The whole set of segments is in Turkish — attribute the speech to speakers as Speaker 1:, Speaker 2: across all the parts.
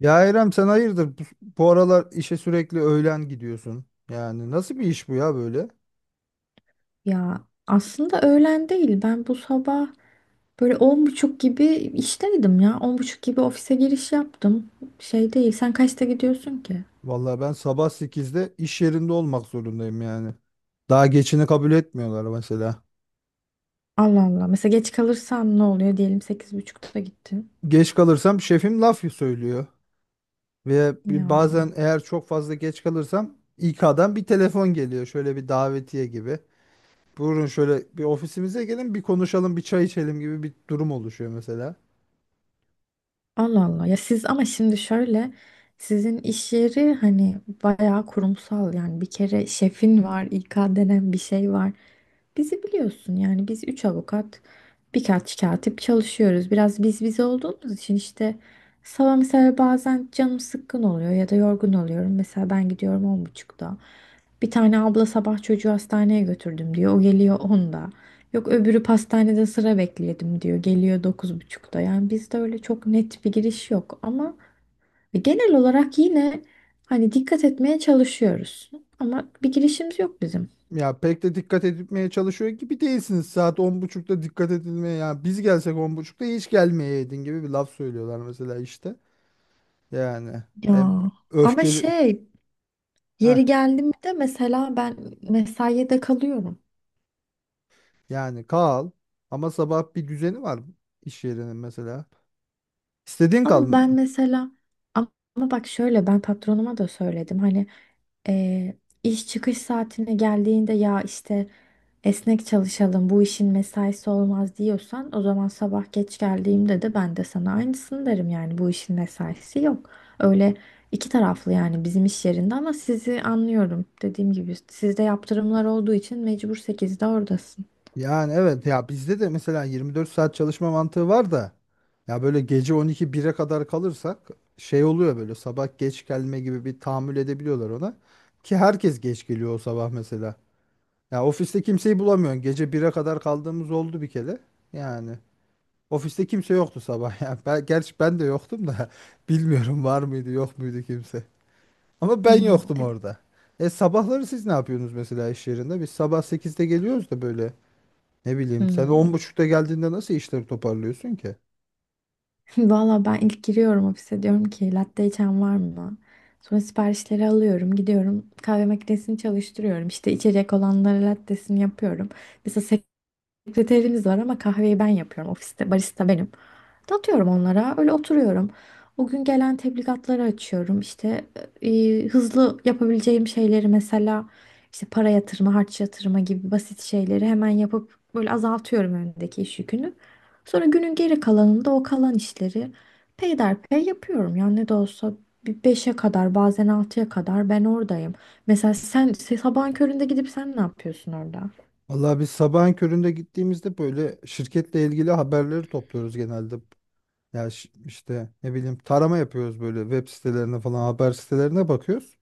Speaker 1: Ya İrem sen hayırdır bu, bu aralar işe sürekli öğlen gidiyorsun. Yani nasıl bir iş bu ya böyle?
Speaker 2: Ya aslında öğlen değil. Ben bu sabah böyle 10.30 gibi işteydim ya. 10.30 gibi ofise giriş yaptım. Şey değil. Sen kaçta gidiyorsun ki?
Speaker 1: Vallahi ben sabah sekizde iş yerinde olmak zorundayım yani. Daha geçini kabul etmiyorlar mesela.
Speaker 2: Allah Allah. Mesela geç kalırsan ne oluyor? Diyelim 8.30'da gittin.
Speaker 1: Geç kalırsam şefim laf söylüyor. Ve
Speaker 2: Ya,
Speaker 1: bazen eğer çok fazla geç kalırsam İK'dan bir telefon geliyor. Şöyle bir davetiye gibi. Buyurun şöyle bir ofisimize gelin bir konuşalım bir çay içelim gibi bir durum oluşuyor mesela.
Speaker 2: Allah Allah. Ya siz, ama şimdi şöyle. Sizin iş yeri hani bayağı kurumsal, yani bir kere şefin var, İK denen bir şey var. Bizi biliyorsun, yani biz üç avukat birkaç katip çalışıyoruz. Biraz biz biz olduğumuz için işte sabah mesela bazen canım sıkkın oluyor ya da yorgun oluyorum. Mesela ben gidiyorum 10.30'da. Bir tane abla sabah çocuğu hastaneye götürdüm diyor. O geliyor 10'da. Yok, öbürü pastanede sıra bekledim diyor. Geliyor 9.30'da. Yani bizde öyle çok net bir giriş yok ama genel olarak yine hani dikkat etmeye çalışıyoruz. Ama bir girişimiz yok bizim.
Speaker 1: Ya pek de dikkat edilmeye çalışıyor gibi değilsiniz. Saat on buçukta dikkat edilmeye ya biz gelsek on buçukta hiç gelmeyeydin gibi bir laf söylüyorlar mesela işte. Yani
Speaker 2: Ya
Speaker 1: e,
Speaker 2: ama
Speaker 1: öfkeli.
Speaker 2: şey,
Speaker 1: Heh,
Speaker 2: yeri geldi mi de mesela ben mesaiye de kalıyorum.
Speaker 1: yani kal ama sabah bir düzeni var iş yerinin mesela. İstediğin kal.
Speaker 2: Ama ben mesela, ama bak şöyle, ben patronuma da söyledim. Hani eee, iş çıkış saatine geldiğinde ya işte esnek çalışalım, bu işin mesaisi olmaz diyorsan, o zaman sabah geç geldiğimde de ben de sana aynısını derim, yani bu işin mesaisi yok. Öyle, iki taraflı yani bizim iş yerinde, ama sizi anlıyorum. Dediğim gibi, sizde yaptırımlar olduğu için mecbur sekizde oradasın.
Speaker 1: Yani evet ya bizde de mesela 24 saat çalışma mantığı var da ya böyle gece 12 1'e kadar kalırsak şey oluyor böyle sabah geç gelme gibi bir tahammül edebiliyorlar ona. Ki herkes geç geliyor o sabah mesela. Ya ofiste kimseyi bulamıyorsun. Gece 1'e kadar kaldığımız oldu bir kere. Yani ofiste kimse yoktu sabah. Yani ben, gerçi ben de yoktum da bilmiyorum var mıydı yok muydu kimse. Ama ben
Speaker 2: Ya,
Speaker 1: yoktum
Speaker 2: e-
Speaker 1: orada. E sabahları siz ne yapıyorsunuz mesela iş yerinde? Biz sabah 8'de geliyoruz da böyle ne bileyim sen on
Speaker 2: Hmm.
Speaker 1: buçukta geldiğinde nasıl işleri toparlıyorsun ki?
Speaker 2: Valla, ben ilk giriyorum ofise, diyorum ki latte içen var mı? Sonra siparişleri alıyorum, gidiyorum kahve makinesini çalıştırıyorum. İşte içecek olanlara lattesini yapıyorum. Mesela, sekreterimiz var ama kahveyi ben yapıyorum ofiste. Barista benim. Dağıtıyorum onlara. Öyle oturuyorum. O gün gelen tebligatları açıyorum. İşte hızlı yapabileceğim şeyleri, mesela işte para yatırma, harç yatırma gibi basit şeyleri hemen yapıp böyle azaltıyorum önündeki iş yükünü. Sonra günün geri kalanında o kalan işleri peyderpey yapıyorum. Yani ne de olsa bir beşe kadar, bazen 6'ya kadar ben oradayım. Mesela sen sabahın köründe gidip sen ne yapıyorsun orada?
Speaker 1: Vallahi biz sabahın köründe gittiğimizde böyle şirketle ilgili haberleri topluyoruz genelde. Ya işte ne bileyim tarama yapıyoruz böyle web sitelerine falan haber sitelerine bakıyoruz.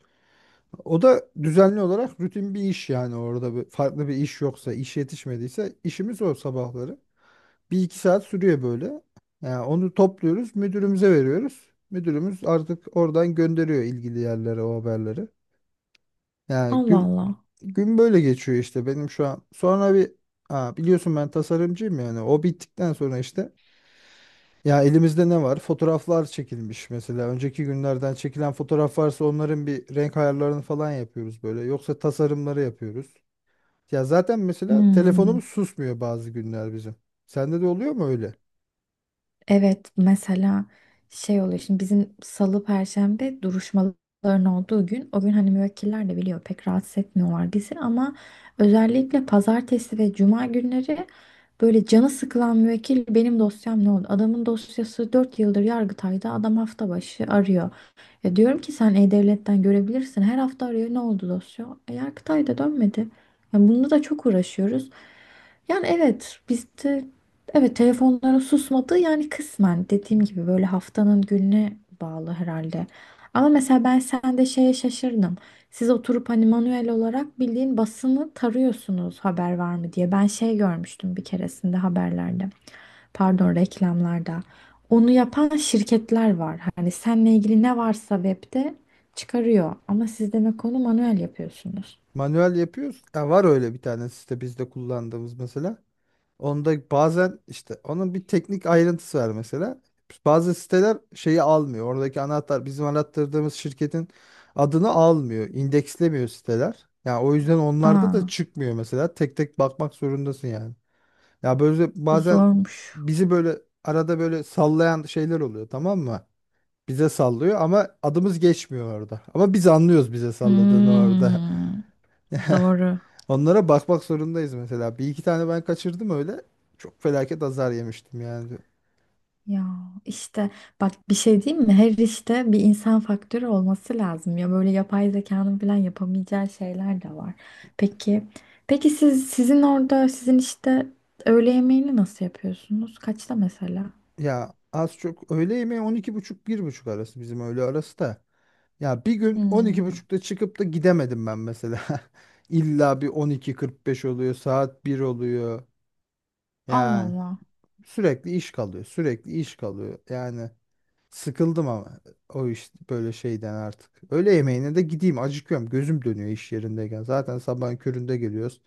Speaker 1: O da düzenli olarak rutin bir iş yani orada bir, farklı bir iş yoksa, iş yetişmediyse işimiz o sabahları. Bir iki saat sürüyor böyle. Yani onu topluyoruz, müdürümüze veriyoruz. Müdürümüz artık oradan gönderiyor ilgili yerlere o haberleri. Yani
Speaker 2: Allah
Speaker 1: gün,
Speaker 2: Allah.
Speaker 1: gün böyle geçiyor işte benim şu an. Sonra bir ha, biliyorsun ben tasarımcıyım yani o bittikten sonra işte ya elimizde ne var? Fotoğraflar çekilmiş mesela. Önceki günlerden çekilen fotoğraf varsa onların bir renk ayarlarını falan yapıyoruz böyle. Yoksa tasarımları yapıyoruz. Ya zaten mesela
Speaker 2: Hmm,
Speaker 1: telefonumuz susmuyor bazı günler bizim. Sende de oluyor mu öyle?
Speaker 2: evet, mesela şey oluyor, şimdi bizim salı perşembe duruşmaların olduğu gün o gün hani müvekkiller de biliyor, pek rahatsız etmiyorlar bizi ama özellikle pazartesi ve cuma günleri böyle canı sıkılan müvekkil, benim dosyam ne oldu? Adamın dosyası 4 yıldır Yargıtay'da, adam hafta başı arıyor. Ya diyorum ki, sen E-Devlet'ten görebilirsin. Her hafta arıyor, ne oldu dosya? E, Yargıtay'da dönmedi. Yani bunda da çok uğraşıyoruz. Yani evet, bizde evet telefonlara susmadı, yani kısmen dediğim gibi böyle haftanın gününe bağlı herhalde. Ama mesela ben sende şeye şaşırdım. Siz oturup hani manuel olarak bildiğin basını tarıyorsunuz haber var mı diye. Ben şey görmüştüm bir keresinde haberlerde. Pardon, reklamlarda. Onu yapan şirketler var. Hani seninle ilgili ne varsa webde çıkarıyor. Ama siz demek onu manuel yapıyorsunuz.
Speaker 1: Manuel yapıyoruz. Ya var öyle bir tane site bizde kullandığımız mesela. Onda bazen işte onun bir teknik ayrıntısı var mesela. Bazı siteler şeyi almıyor. Oradaki anahtar bizim arattırdığımız şirketin adını almıyor. İndekslemiyor siteler. Yani o yüzden onlarda da
Speaker 2: Aa,
Speaker 1: çıkmıyor mesela. Tek tek bakmak zorundasın yani. Ya böyle
Speaker 2: bu
Speaker 1: bazen
Speaker 2: zormuş.
Speaker 1: bizi böyle arada böyle sallayan şeyler oluyor, tamam mı? Bize sallıyor ama adımız geçmiyor orada. Ama biz anlıyoruz bize salladığını orada.
Speaker 2: Hmm, doğru.
Speaker 1: Onlara bakmak zorundayız mesela. Bir iki tane ben kaçırdım öyle. Çok felaket azar yemiştim yani.
Speaker 2: Ya işte, bak bir şey diyeyim mi? Her işte bir insan faktörü olması lazım. Ya böyle yapay zekanın falan yapamayacağı şeyler de var. Peki, peki siz, sizin orada, sizin işte öğle yemeğini nasıl yapıyorsunuz? Kaçta mesela?
Speaker 1: Ya az çok öğle yemeği 12:30 buçuk bir buçuk arası bizim öğle arası da. Ya bir gün
Speaker 2: Hmm,
Speaker 1: 12:30'da çıkıp da gidemedim ben mesela. İlla bir 12:45 oluyor, saat bir oluyor.
Speaker 2: Allah
Speaker 1: Yani
Speaker 2: Allah.
Speaker 1: sürekli iş kalıyor, sürekli iş kalıyor. Yani sıkıldım ama o iş böyle şeyden artık. Öğle yemeğine de gideyim acıkıyorum. Gözüm dönüyor iş yerindeyken. Zaten sabahın köründe geliyoruz.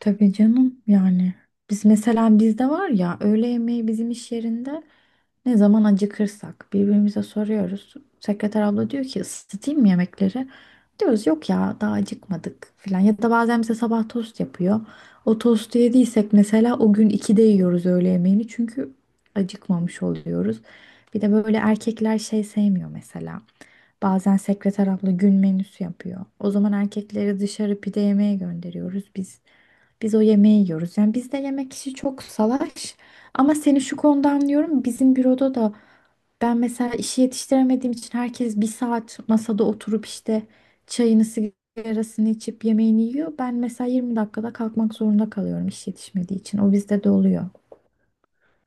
Speaker 2: Tabii canım, yani biz mesela, bizde var ya öğle yemeği, bizim iş yerinde ne zaman acıkırsak birbirimize soruyoruz. Sekreter abla diyor ki ısıtayım mı yemekleri? Diyoruz yok ya, daha acıkmadık filan, ya da bazen bize sabah tost yapıyor. O tostu yediysek mesela o gün 2'de yiyoruz öğle yemeğini, çünkü acıkmamış oluyoruz. Bir de böyle erkekler şey sevmiyor mesela. Bazen sekreter abla gün menüsü yapıyor. O zaman erkekleri dışarı pide yemeye gönderiyoruz biz. Biz o yemeği yiyoruz. Yani bizde yemek işi çok salaş. Ama seni şu konuda anlıyorum. Bizim büroda da ben mesela işi yetiştiremediğim için herkes 1 saat masada oturup işte çayını sigarasını içip yemeğini yiyor. Ben mesela 20 dakikada kalkmak zorunda kalıyorum iş yetişmediği için. O bizde de oluyor.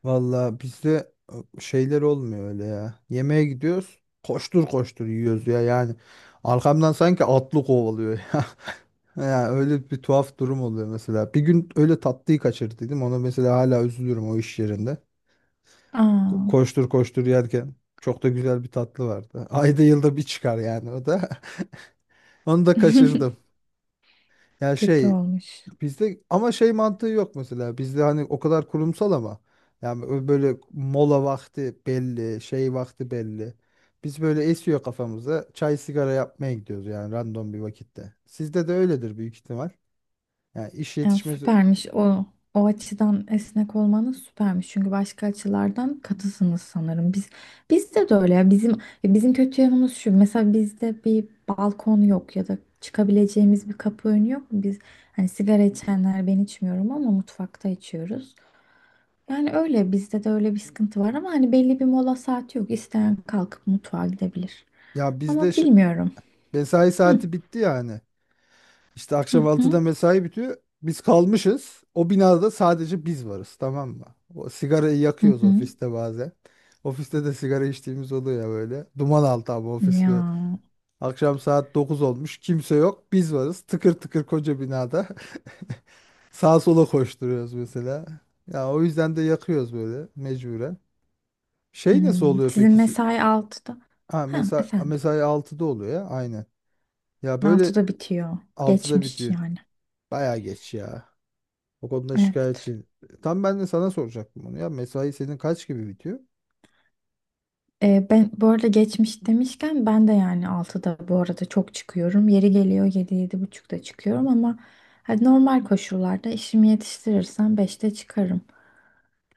Speaker 1: Valla bizde şeyler olmuyor öyle ya. Yemeğe gidiyoruz. Koştur koştur yiyoruz ya yani. Arkamdan sanki atlı kovalıyor ya. Ya öyle bir tuhaf durum oluyor mesela. Bir gün öyle tatlıyı kaçırdıydım. Ona mesela hala üzülürüm o iş yerinde.
Speaker 2: Aa,
Speaker 1: Koştur koştur yerken çok da güzel bir tatlı vardı. Ayda yılda bir çıkar yani o da. Onu da kaçırdım. Ya
Speaker 2: kötü olmuş.
Speaker 1: bizde ama şey mantığı yok mesela. Bizde hani o kadar kurumsal ama yani böyle mola vakti belli, şey vakti belli. Biz böyle esiyor kafamıza. Çay sigara yapmaya gidiyoruz yani random bir vakitte. Sizde de öyledir büyük ihtimal. Yani iş
Speaker 2: Ya
Speaker 1: yetişmesi
Speaker 2: süpermiş o. O açıdan esnek olmanız süpermiş. Çünkü başka açılardan katısınız sanırım. Biz, bizde de öyle ya. Bizim kötü yanımız şu. Mesela bizde bir balkon yok ya da çıkabileceğimiz bir kapı önü yok. Biz hani, sigara içenler, ben içmiyorum, ama mutfakta içiyoruz. Yani öyle, bizde de öyle bir sıkıntı var ama hani belli bir mola saati yok. İsteyen kalkıp mutfağa gidebilir.
Speaker 1: ya bizde
Speaker 2: Ama bilmiyorum.
Speaker 1: mesai
Speaker 2: Hı
Speaker 1: saati bitti yani. İşte
Speaker 2: hı
Speaker 1: akşam altıda
Speaker 2: hı.
Speaker 1: mesai bitiyor. Biz kalmışız. O binada sadece biz varız, tamam mı? O sigarayı
Speaker 2: Hı
Speaker 1: yakıyoruz
Speaker 2: hı.
Speaker 1: ofiste bazen. Ofiste de sigara içtiğimiz oluyor ya böyle. Duman altı abi ofis.
Speaker 2: Ya.
Speaker 1: Akşam saat 9 olmuş. Kimse yok. Biz varız. Tıkır tıkır koca binada. Sağa sola koşturuyoruz mesela. Ya o yüzden de yakıyoruz böyle mecburen. Şey nasıl
Speaker 2: Hmm,
Speaker 1: oluyor
Speaker 2: sizin
Speaker 1: peki?
Speaker 2: mesai 6'da?
Speaker 1: Ha
Speaker 2: Ha,
Speaker 1: mesela
Speaker 2: efendim.
Speaker 1: mesai altıda oluyor ya aynen. Ya böyle
Speaker 2: 6'da bitiyor.
Speaker 1: altıda
Speaker 2: Geçmiş
Speaker 1: bitiyor.
Speaker 2: yani.
Speaker 1: Baya geç ya. O konuda
Speaker 2: Evet.
Speaker 1: şikayetçiyim. Tam ben de sana soracaktım bunu ya. Mesai senin kaç gibi bitiyor?
Speaker 2: Ben bu arada, geçmiş demişken, ben de yani 6'da bu arada çok çıkıyorum. Yeri geliyor 7-7.30'da çıkıyorum, ama hani normal koşullarda işimi yetiştirirsem 5'te çıkarım.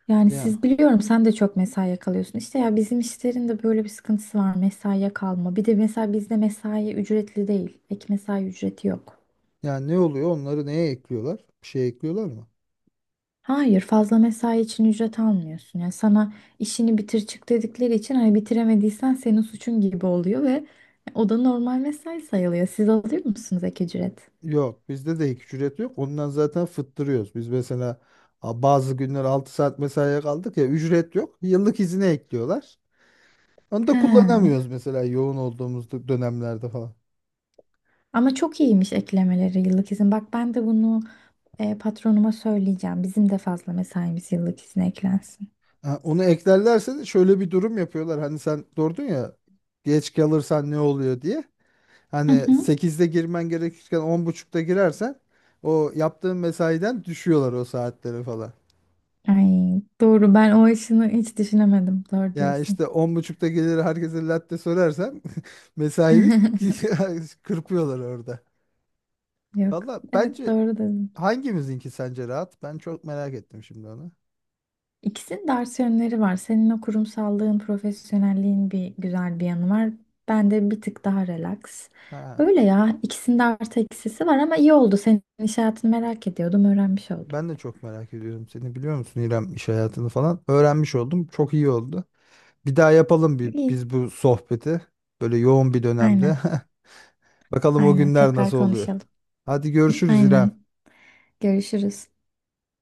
Speaker 2: Yani
Speaker 1: Ya.
Speaker 2: siz, biliyorum sen de çok mesaiye kalıyorsun. İşte, ya bizim işlerin de böyle bir sıkıntısı var, mesaiye kalma. Bir de mesela bizde mesai ücretli değil. Ek mesai ücreti yok.
Speaker 1: Yani ne oluyor? Onları neye ekliyorlar? Bir şey ekliyorlar mı?
Speaker 2: Hayır, fazla mesai için ücret almıyorsun. Yani sana işini bitir çık dedikleri için hani bitiremediysen senin suçun gibi oluyor ve o da normal mesai sayılıyor. Siz alıyor musunuz ek ücret?
Speaker 1: Yok, bizde de ek ücret yok. Ondan zaten fıttırıyoruz. Biz mesela bazı günler 6 saat mesaiye kaldık ya, ücret yok. Yıllık izine ekliyorlar. Onu da
Speaker 2: He.
Speaker 1: kullanamıyoruz mesela yoğun olduğumuz dönemlerde falan.
Speaker 2: Ama çok iyiymiş eklemeleri yıllık izin. Bak, ben de bunu patronuma söyleyeceğim. Bizim de fazla mesaimiz yıllık izne eklensin.
Speaker 1: Ha, onu eklerlerse de şöyle bir durum yapıyorlar. Hani sen sordun ya geç kalırsan ne oluyor diye.
Speaker 2: Hı
Speaker 1: Hani
Speaker 2: hı.
Speaker 1: sekizde girmen gerekirken on buçukta girersen o yaptığın mesaiden düşüyorlar o saatleri falan.
Speaker 2: Ay, doğru, ben o işini hiç düşünemedim. Doğru
Speaker 1: Ya
Speaker 2: diyorsun.
Speaker 1: işte on buçukta gelir herkese latte söylersem mesailik kırpıyorlar orada.
Speaker 2: Yok.
Speaker 1: Valla
Speaker 2: Evet,
Speaker 1: bence
Speaker 2: doğru dedin.
Speaker 1: hangimizinki sence rahat? Ben çok merak ettim şimdi onu.
Speaker 2: İkisinin de artı yönleri var. Senin o kurumsallığın, profesyonelliğin, bir güzel bir yanı var. Ben de bir tık daha relax.
Speaker 1: Ha,
Speaker 2: Öyle ya. İkisinin de artı eksisi var ama iyi oldu. Senin iş hayatını merak ediyordum, öğrenmiş oldum.
Speaker 1: ben de çok merak ediyorum seni, biliyor musun İrem, iş hayatını falan. Öğrenmiş oldum. Çok iyi oldu. Bir daha yapalım bir,
Speaker 2: İyi.
Speaker 1: biz bu sohbeti. Böyle yoğun bir dönemde.
Speaker 2: Aynen,
Speaker 1: Bakalım o
Speaker 2: aynen.
Speaker 1: günler
Speaker 2: Tekrar
Speaker 1: nasıl oluyor.
Speaker 2: konuşalım.
Speaker 1: Hadi görüşürüz
Speaker 2: Aynen.
Speaker 1: İrem.
Speaker 2: Görüşürüz.